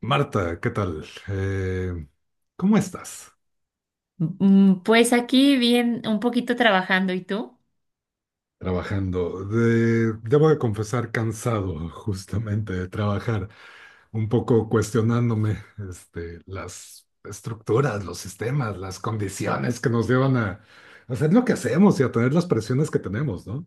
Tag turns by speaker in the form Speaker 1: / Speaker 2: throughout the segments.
Speaker 1: Marta, ¿qué tal? ¿Cómo estás?
Speaker 2: Pues aquí bien, un poquito trabajando, ¿y tú?
Speaker 1: Trabajando. Debo de confesar cansado justamente de trabajar, un poco cuestionándome este, las estructuras, los sistemas, las condiciones que nos llevan a hacer lo que hacemos y a tener las presiones que tenemos, ¿no?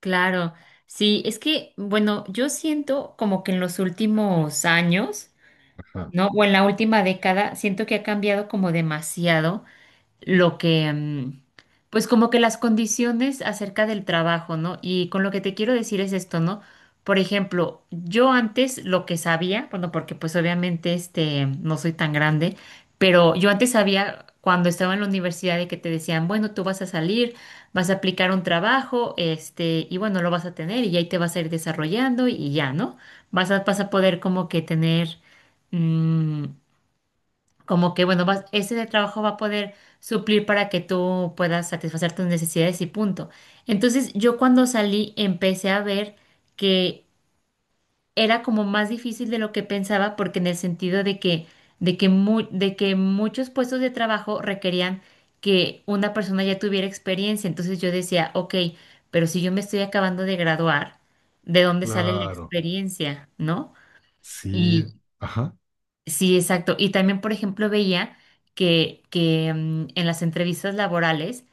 Speaker 2: Claro, sí, es que, bueno, yo siento como que en los últimos años,
Speaker 1: Ajá.
Speaker 2: ¿no? O en la última década, siento que ha cambiado como demasiado lo que, pues como que las condiciones acerca del trabajo, ¿no? Y con lo que te quiero decir es esto, ¿no? Por ejemplo, yo antes lo que sabía, bueno, porque pues obviamente este, no soy tan grande, pero yo antes sabía cuando estaba en la universidad de que te decían, bueno, tú vas a salir, vas a aplicar un trabajo, este, y bueno, lo vas a tener y ahí te vas a ir desarrollando y ya, ¿no? Vas a poder como que tener mm, como que, bueno, vas, ese de trabajo va a poder suplir para que tú puedas satisfacer tus necesidades y punto. Entonces, yo cuando salí empecé a ver que era como más difícil de lo que pensaba, porque en el sentido de que, de que muchos puestos de trabajo requerían que una persona ya tuviera experiencia. Entonces yo decía, ok, pero si yo me estoy acabando de graduar, ¿de dónde sale la
Speaker 1: Claro.
Speaker 2: experiencia, no?
Speaker 1: Sí. Ajá.
Speaker 2: Sí, exacto. Y también, por ejemplo, veía que en las entrevistas laborales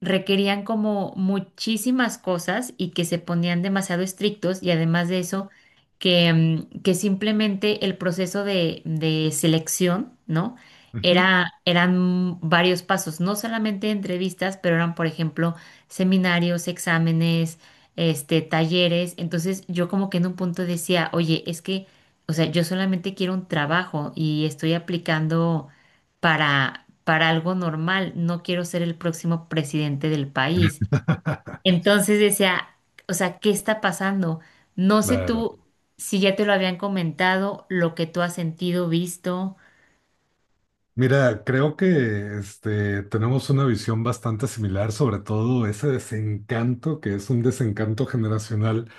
Speaker 2: requerían como muchísimas cosas y que se ponían demasiado estrictos y además de eso que que simplemente el proceso de selección, ¿no?
Speaker 1: Ujú.
Speaker 2: Eran varios pasos, no solamente entrevistas, pero eran, por ejemplo, seminarios, exámenes, este, talleres. Entonces yo como que en un punto decía, oye, es que, o sea, yo solamente quiero un trabajo y estoy aplicando para algo normal, no quiero ser el próximo presidente del país. Entonces decía, o sea, ¿qué está pasando? No sé
Speaker 1: Claro.
Speaker 2: tú si ya te lo habían comentado, lo que tú has sentido, visto.
Speaker 1: Mira, creo que este, tenemos una visión bastante similar, sobre todo ese desencanto, que es un desencanto generacional,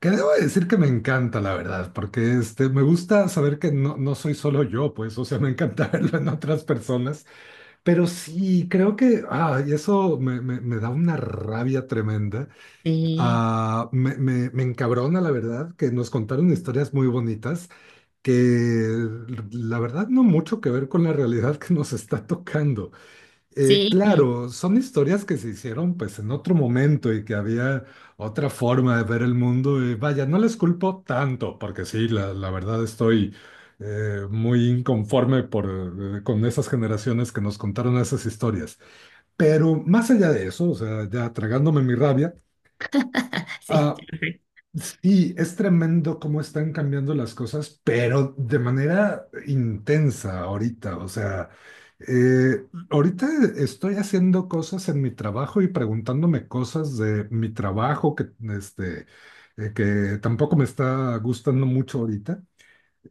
Speaker 1: que debo decir que me encanta, la verdad, porque este, me gusta saber que no, no soy solo yo, pues, o sea, me encanta verlo en otras personas, pero sí, creo que, y eso me da una rabia tremenda,
Speaker 2: Sí,
Speaker 1: me encabrona, la verdad, que nos contaron historias muy bonitas que la verdad no mucho que ver con la realidad que nos está tocando.
Speaker 2: sí,
Speaker 1: Claro, son historias que se hicieron pues en otro momento y que había otra forma de ver el mundo y vaya, no les culpo tanto porque sí, la verdad estoy muy inconforme con esas generaciones que nos contaron esas historias. Pero más allá de eso, o sea, ya tragándome mi rabia,
Speaker 2: sí,
Speaker 1: ah, sí, es tremendo cómo están cambiando las cosas, pero de manera intensa ahorita. O sea, eh, ahorita estoy haciendo cosas en mi trabajo y preguntándome cosas de mi trabajo que, este, que tampoco me está gustando mucho ahorita,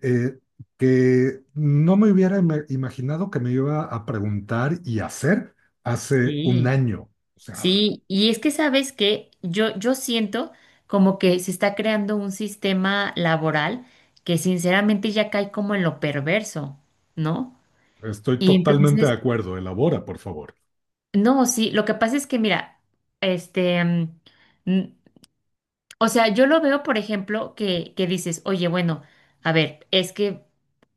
Speaker 1: eh, que no me hubiera imaginado que me iba a preguntar y hacer hace un
Speaker 2: sí,
Speaker 1: año. O sea,
Speaker 2: sí. Y es que sabes que yo siento como que se está creando un sistema laboral que sinceramente ya cae como en lo perverso, ¿no?
Speaker 1: estoy
Speaker 2: Y
Speaker 1: totalmente de
Speaker 2: entonces...
Speaker 1: acuerdo. Elabora, por favor.
Speaker 2: No, sí, lo que pasa es que, mira, este, mm, n- o sea, yo lo veo, por ejemplo, que dices, oye, bueno, a ver, es que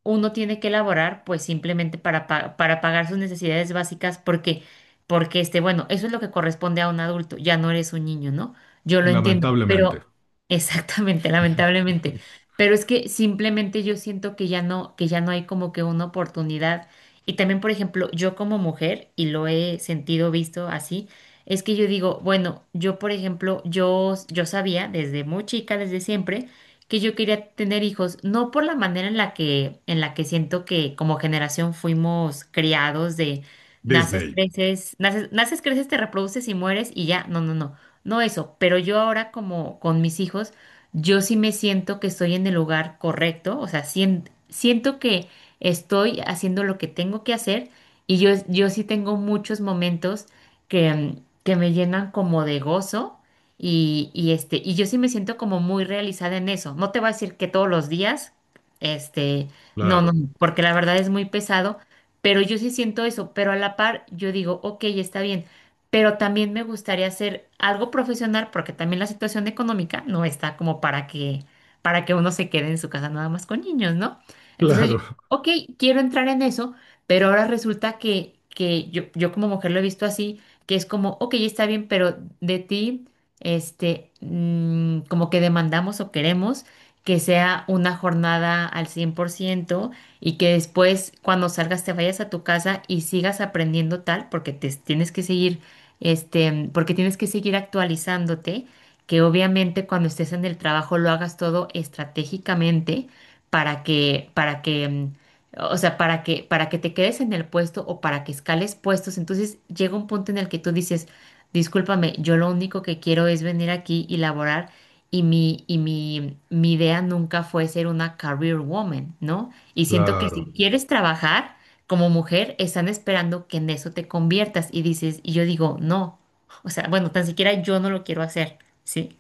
Speaker 2: uno tiene que elaborar, pues simplemente para pagar sus necesidades básicas, porque este, bueno, eso es lo que corresponde a un adulto, ya no eres un niño, ¿no? Yo lo entiendo,
Speaker 1: Lamentablemente.
Speaker 2: pero exactamente, lamentablemente. Pero es que simplemente yo siento que ya no hay como que una oportunidad. Y también, por ejemplo, yo como mujer, y lo he sentido, visto así, es que yo digo, bueno, yo por ejemplo, yo sabía desde muy chica, desde siempre, que yo quería tener hijos, no por la manera en la que siento que como generación fuimos criados de naces,
Speaker 1: Disney,
Speaker 2: creces, naces, naces, creces, te reproduces y mueres y ya, no, no, no, no eso, pero yo ahora como con mis hijos, yo sí me siento que estoy en el lugar correcto, o sea, siento que estoy haciendo lo que tengo que hacer y yo sí tengo muchos momentos que, que me llenan como de gozo y, este, y yo sí me siento como muy realizada en eso. No te voy a decir que todos los días, este, no, no,
Speaker 1: claro,
Speaker 2: no, porque la verdad es muy pesado, pero yo sí siento eso, pero a la par yo digo, ok, está bien, pero también me gustaría hacer algo profesional porque también la situación económica no está como para que uno se quede en su casa nada más con niños, ¿no? Entonces yo,
Speaker 1: claro,
Speaker 2: ok, quiero entrar en eso, pero ahora resulta que yo como mujer lo he visto así que es como, ok, está bien, pero de ti, como que demandamos o queremos que sea una jornada al 100% y que después cuando salgas te vayas a tu casa y sigas aprendiendo tal, porque te tienes que seguir, este, porque tienes que seguir actualizándote, que obviamente cuando estés en el trabajo lo hagas todo estratégicamente para que o sea, para que te quedes en el puesto o para que escales puestos, entonces llega un punto en el que tú dices, discúlpame, yo lo único que quiero es venir aquí y laborar y mi idea nunca fue ser una career woman, ¿no? Y siento que
Speaker 1: claro.
Speaker 2: si quieres trabajar como mujer, están esperando que en eso te conviertas y dices, y yo digo, no, o sea, bueno, tan siquiera yo no lo quiero hacer, ¿sí?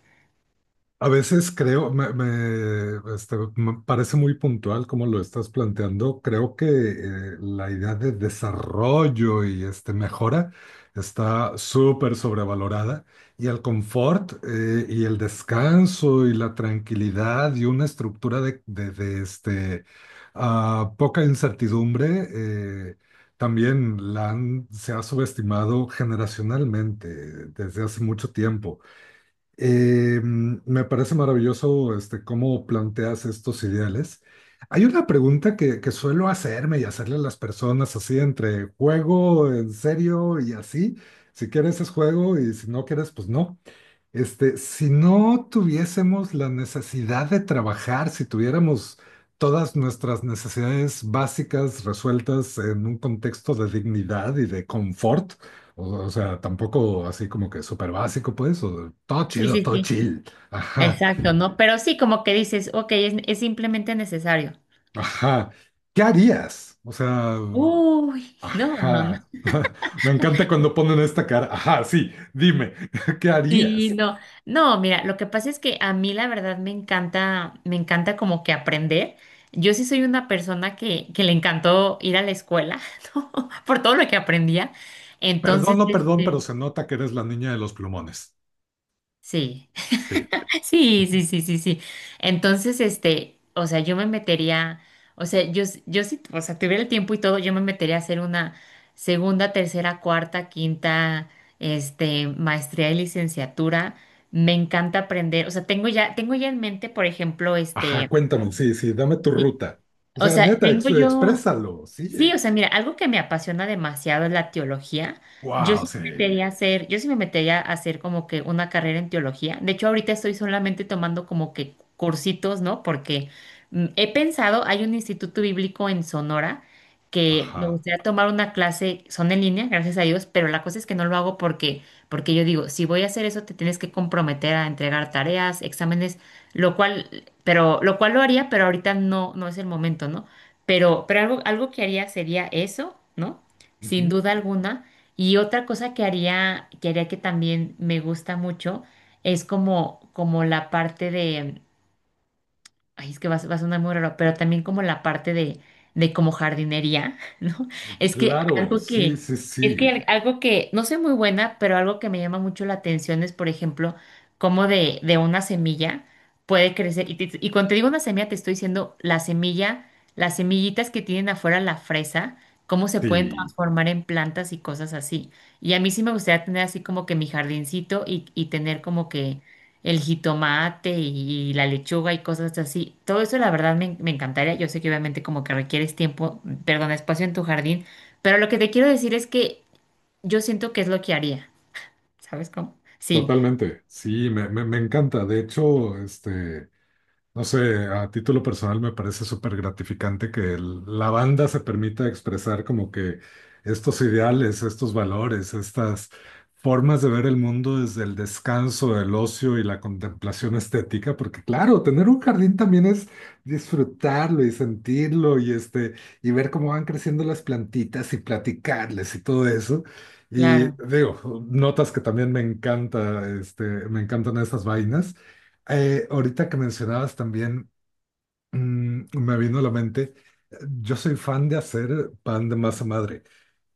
Speaker 1: A veces creo, este, me parece muy puntual como lo estás planteando. Creo que la idea de desarrollo y este, mejora está súper sobrevalorada y el confort y el descanso y la tranquilidad y una estructura de, este, poca incertidumbre también se ha subestimado generacionalmente desde hace mucho tiempo. Me parece maravilloso este, cómo planteas estos ideales. Hay una pregunta que suelo hacerme y hacerle a las personas así entre juego, en serio y así. Si quieres es juego y si no quieres, pues no. Este, si no tuviésemos la necesidad de trabajar, si tuviéramos todas nuestras necesidades básicas resueltas en un contexto de dignidad y de confort, o sea, tampoco así como que súper básico, pues, o todo
Speaker 2: Sí,
Speaker 1: chido,
Speaker 2: sí,
Speaker 1: todo
Speaker 2: sí.
Speaker 1: chill. Ajá,
Speaker 2: Exacto, ¿no? Pero sí, como que dices, ok, es simplemente necesario.
Speaker 1: ajá. ¿Qué harías? O sea,
Speaker 2: Uy, no, no, no.
Speaker 1: ajá. Me encanta cuando ponen esta cara. Ajá, sí, dime, ¿qué
Speaker 2: Sí,
Speaker 1: harías?
Speaker 2: no. No, mira, lo que pasa es que a mí la verdad me encanta como que aprender. Yo sí soy una persona que le encantó ir a la escuela, ¿no? Por todo lo que aprendía.
Speaker 1: Perdón,
Speaker 2: Entonces,
Speaker 1: no, perdón, pero
Speaker 2: este,
Speaker 1: se nota que eres la niña de los plumones.
Speaker 2: sí.
Speaker 1: Sí.
Speaker 2: Sí, sí, sí, sí, sí. Entonces, este, o sea, yo me metería, o sea, yo sí, o sea, tuviera el tiempo y todo, yo me metería a hacer una segunda, tercera, cuarta, quinta, este, maestría y licenciatura. Me encanta aprender, o sea, tengo ya en mente, por ejemplo,
Speaker 1: Ajá,
Speaker 2: este,
Speaker 1: cuéntame, sí, sí, dame tu
Speaker 2: sí,
Speaker 1: ruta. O
Speaker 2: o
Speaker 1: sea,
Speaker 2: sea,
Speaker 1: neta,
Speaker 2: tengo yo
Speaker 1: exprésalo,
Speaker 2: sí, o
Speaker 1: sí.
Speaker 2: sea, mira, algo que me apasiona demasiado es la teología. Yo
Speaker 1: Wow,
Speaker 2: sí me
Speaker 1: sí.
Speaker 2: metería a hacer, yo sí me metería a hacer como que una carrera en teología. De hecho, ahorita estoy solamente tomando como que cursitos, ¿no? Porque he pensado, hay un instituto bíblico en Sonora que me
Speaker 1: Ajá.
Speaker 2: gustaría tomar una clase, son en línea, gracias a Dios, pero la cosa es que no lo hago porque yo digo, si voy a hacer eso, te tienes que comprometer a entregar tareas, exámenes, lo cual, pero, lo cual lo haría, pero ahorita no, no es el momento, ¿no? Pero algo, algo que haría sería eso, ¿no? Sin
Speaker 1: Ujú.
Speaker 2: duda alguna. Y otra cosa que haría, que haría que también me gusta mucho, es como, como la parte de, ay, es que va, a va a sonar muy raro, pero también como la parte de como jardinería, ¿no? Es que
Speaker 1: Claro,
Speaker 2: algo
Speaker 1: sí,
Speaker 2: que,
Speaker 1: sí,
Speaker 2: es que
Speaker 1: sí.
Speaker 2: algo que, no soy muy buena, pero algo que me llama mucho la atención es, por ejemplo, cómo de una semilla puede crecer. Y, y cuando te digo una semilla, te estoy diciendo la semilla, las semillitas que tienen afuera la fresa, cómo se pueden
Speaker 1: Sí,
Speaker 2: transformar en plantas y cosas así. Y a mí sí me gustaría tener así como que mi jardincito y tener como que el jitomate y la lechuga y cosas así. Todo eso la verdad me, me encantaría. Yo sé que obviamente como que requieres tiempo, perdón, espacio en tu jardín, pero lo que te quiero decir es que yo siento que es lo que haría. ¿Sabes cómo? Sí,
Speaker 1: totalmente. Sí, me encanta. De hecho, este. No sé, a título personal me parece súper gratificante que la banda se permita expresar como que estos ideales, estos valores, estas formas de ver el mundo desde el descanso, el ocio y la contemplación estética, porque claro, tener un jardín también es disfrutarlo y sentirlo y este y ver cómo van creciendo las plantitas y platicarles y todo eso. Y
Speaker 2: claro.
Speaker 1: digo, notas que también me encanta, este, me encantan estas vainas. Ahorita que mencionabas también, me vino a la mente, yo soy fan de hacer pan de masa madre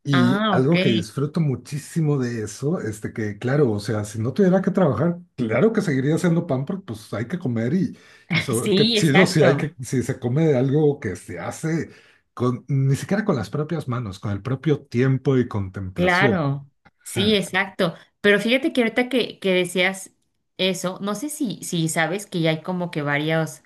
Speaker 1: y
Speaker 2: Ah, ok.
Speaker 1: algo que disfruto muchísimo de eso, este que claro, o sea, si no tuviera que trabajar, claro que seguiría haciendo pan porque pues hay que comer y, qué
Speaker 2: Sí,
Speaker 1: chido si hay que,
Speaker 2: exacto.
Speaker 1: si se come de algo que se hace con, ni siquiera con las propias manos, con el propio tiempo y contemplación.
Speaker 2: Claro, sí,
Speaker 1: Ja.
Speaker 2: exacto. Pero fíjate que ahorita que decías eso, no sé si, si sabes que ya hay como que varios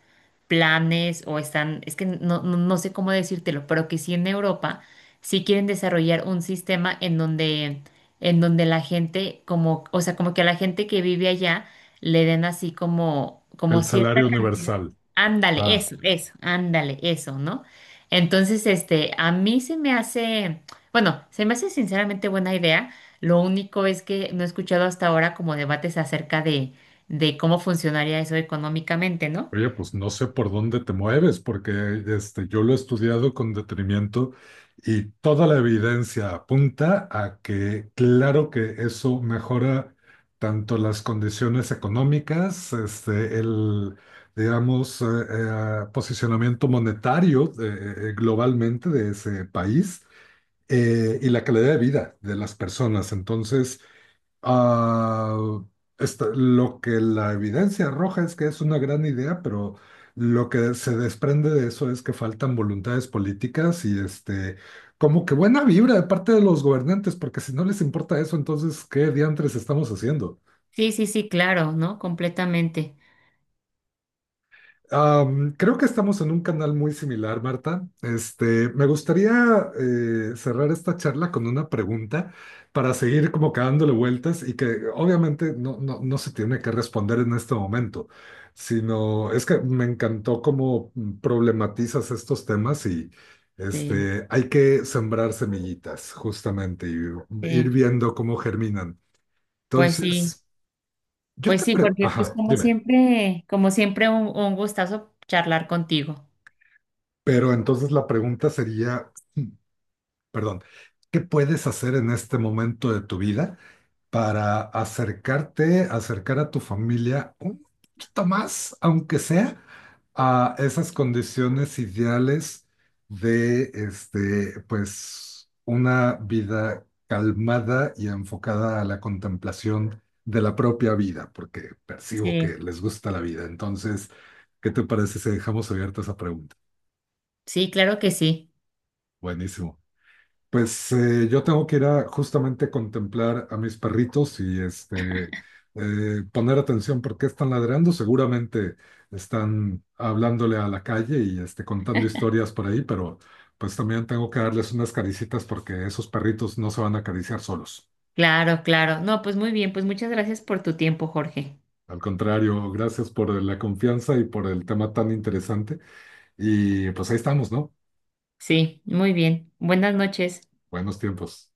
Speaker 2: planes o están, es que no, no, no sé cómo decírtelo, pero que sí en Europa sí quieren desarrollar un sistema en donde la gente como, o sea, como que a la gente que vive allá le den así como, como
Speaker 1: El
Speaker 2: cierta
Speaker 1: salario
Speaker 2: cantidad.
Speaker 1: universal.
Speaker 2: Ándale,
Speaker 1: Ah.
Speaker 2: eso, ándale, eso, ¿no? Entonces, este, a mí se me hace. Bueno, se me hace sinceramente buena idea. Lo único es que no he escuchado hasta ahora como debates acerca de cómo funcionaría eso económicamente, ¿no?
Speaker 1: Oye, pues no sé por dónde te mueves, porque este, yo lo he estudiado con detenimiento y toda la evidencia apunta a que claro que eso mejora tanto las condiciones económicas, este, el, digamos, posicionamiento monetario globalmente de ese país y la calidad de vida de las personas. Entonces, Ah, lo que la evidencia arroja es que es una gran idea, pero lo que se desprende de eso es que faltan voluntades políticas y este, como que buena vibra de parte de los gobernantes, porque si no les importa eso, entonces, ¿qué diantres estamos haciendo?
Speaker 2: Sí, sí, sí, claro, ¿no? Completamente.
Speaker 1: Creo que estamos en un canal muy similar, Marta. Este, me gustaría cerrar esta charla con una pregunta para seguir como que dándole vueltas y que obviamente no, no, no se tiene que responder en este momento, sino es que me encantó cómo problematizas estos temas y
Speaker 2: Sí,
Speaker 1: este, hay que sembrar semillitas justamente y ir
Speaker 2: sí.
Speaker 1: viendo cómo germinan.
Speaker 2: Pues sí,
Speaker 1: Entonces, yo
Speaker 2: pues
Speaker 1: te
Speaker 2: sí,
Speaker 1: pregunto,
Speaker 2: porque pues
Speaker 1: ajá, dime,
Speaker 2: como siempre un gustazo charlar contigo.
Speaker 1: pero entonces la pregunta sería, perdón, ¿qué puedes hacer en este momento de tu vida para acercarte, acercar a tu familia un poquito más, aunque sea, a esas condiciones ideales de, este, pues, una vida calmada y enfocada a la contemplación de la propia vida, porque percibo que
Speaker 2: Sí,
Speaker 1: les gusta la vida. Entonces, ¿qué te parece si dejamos abierta esa pregunta?
Speaker 2: sí, claro que sí.
Speaker 1: Buenísimo. Pues yo tengo que ir a justamente contemplar a mis perritos y este poner atención porque están ladrando. Seguramente están hablándole a la calle y este, contando historias por ahí, pero pues también tengo que darles unas caricitas porque esos perritos no se van a acariciar solos.
Speaker 2: Claro, claro. No, pues muy bien, pues muchas gracias por tu tiempo, Jorge.
Speaker 1: Al contrario, gracias por la confianza y por el tema tan interesante. Y pues ahí estamos, ¿no?
Speaker 2: Sí, muy bien. Buenas noches.
Speaker 1: Buenos tiempos.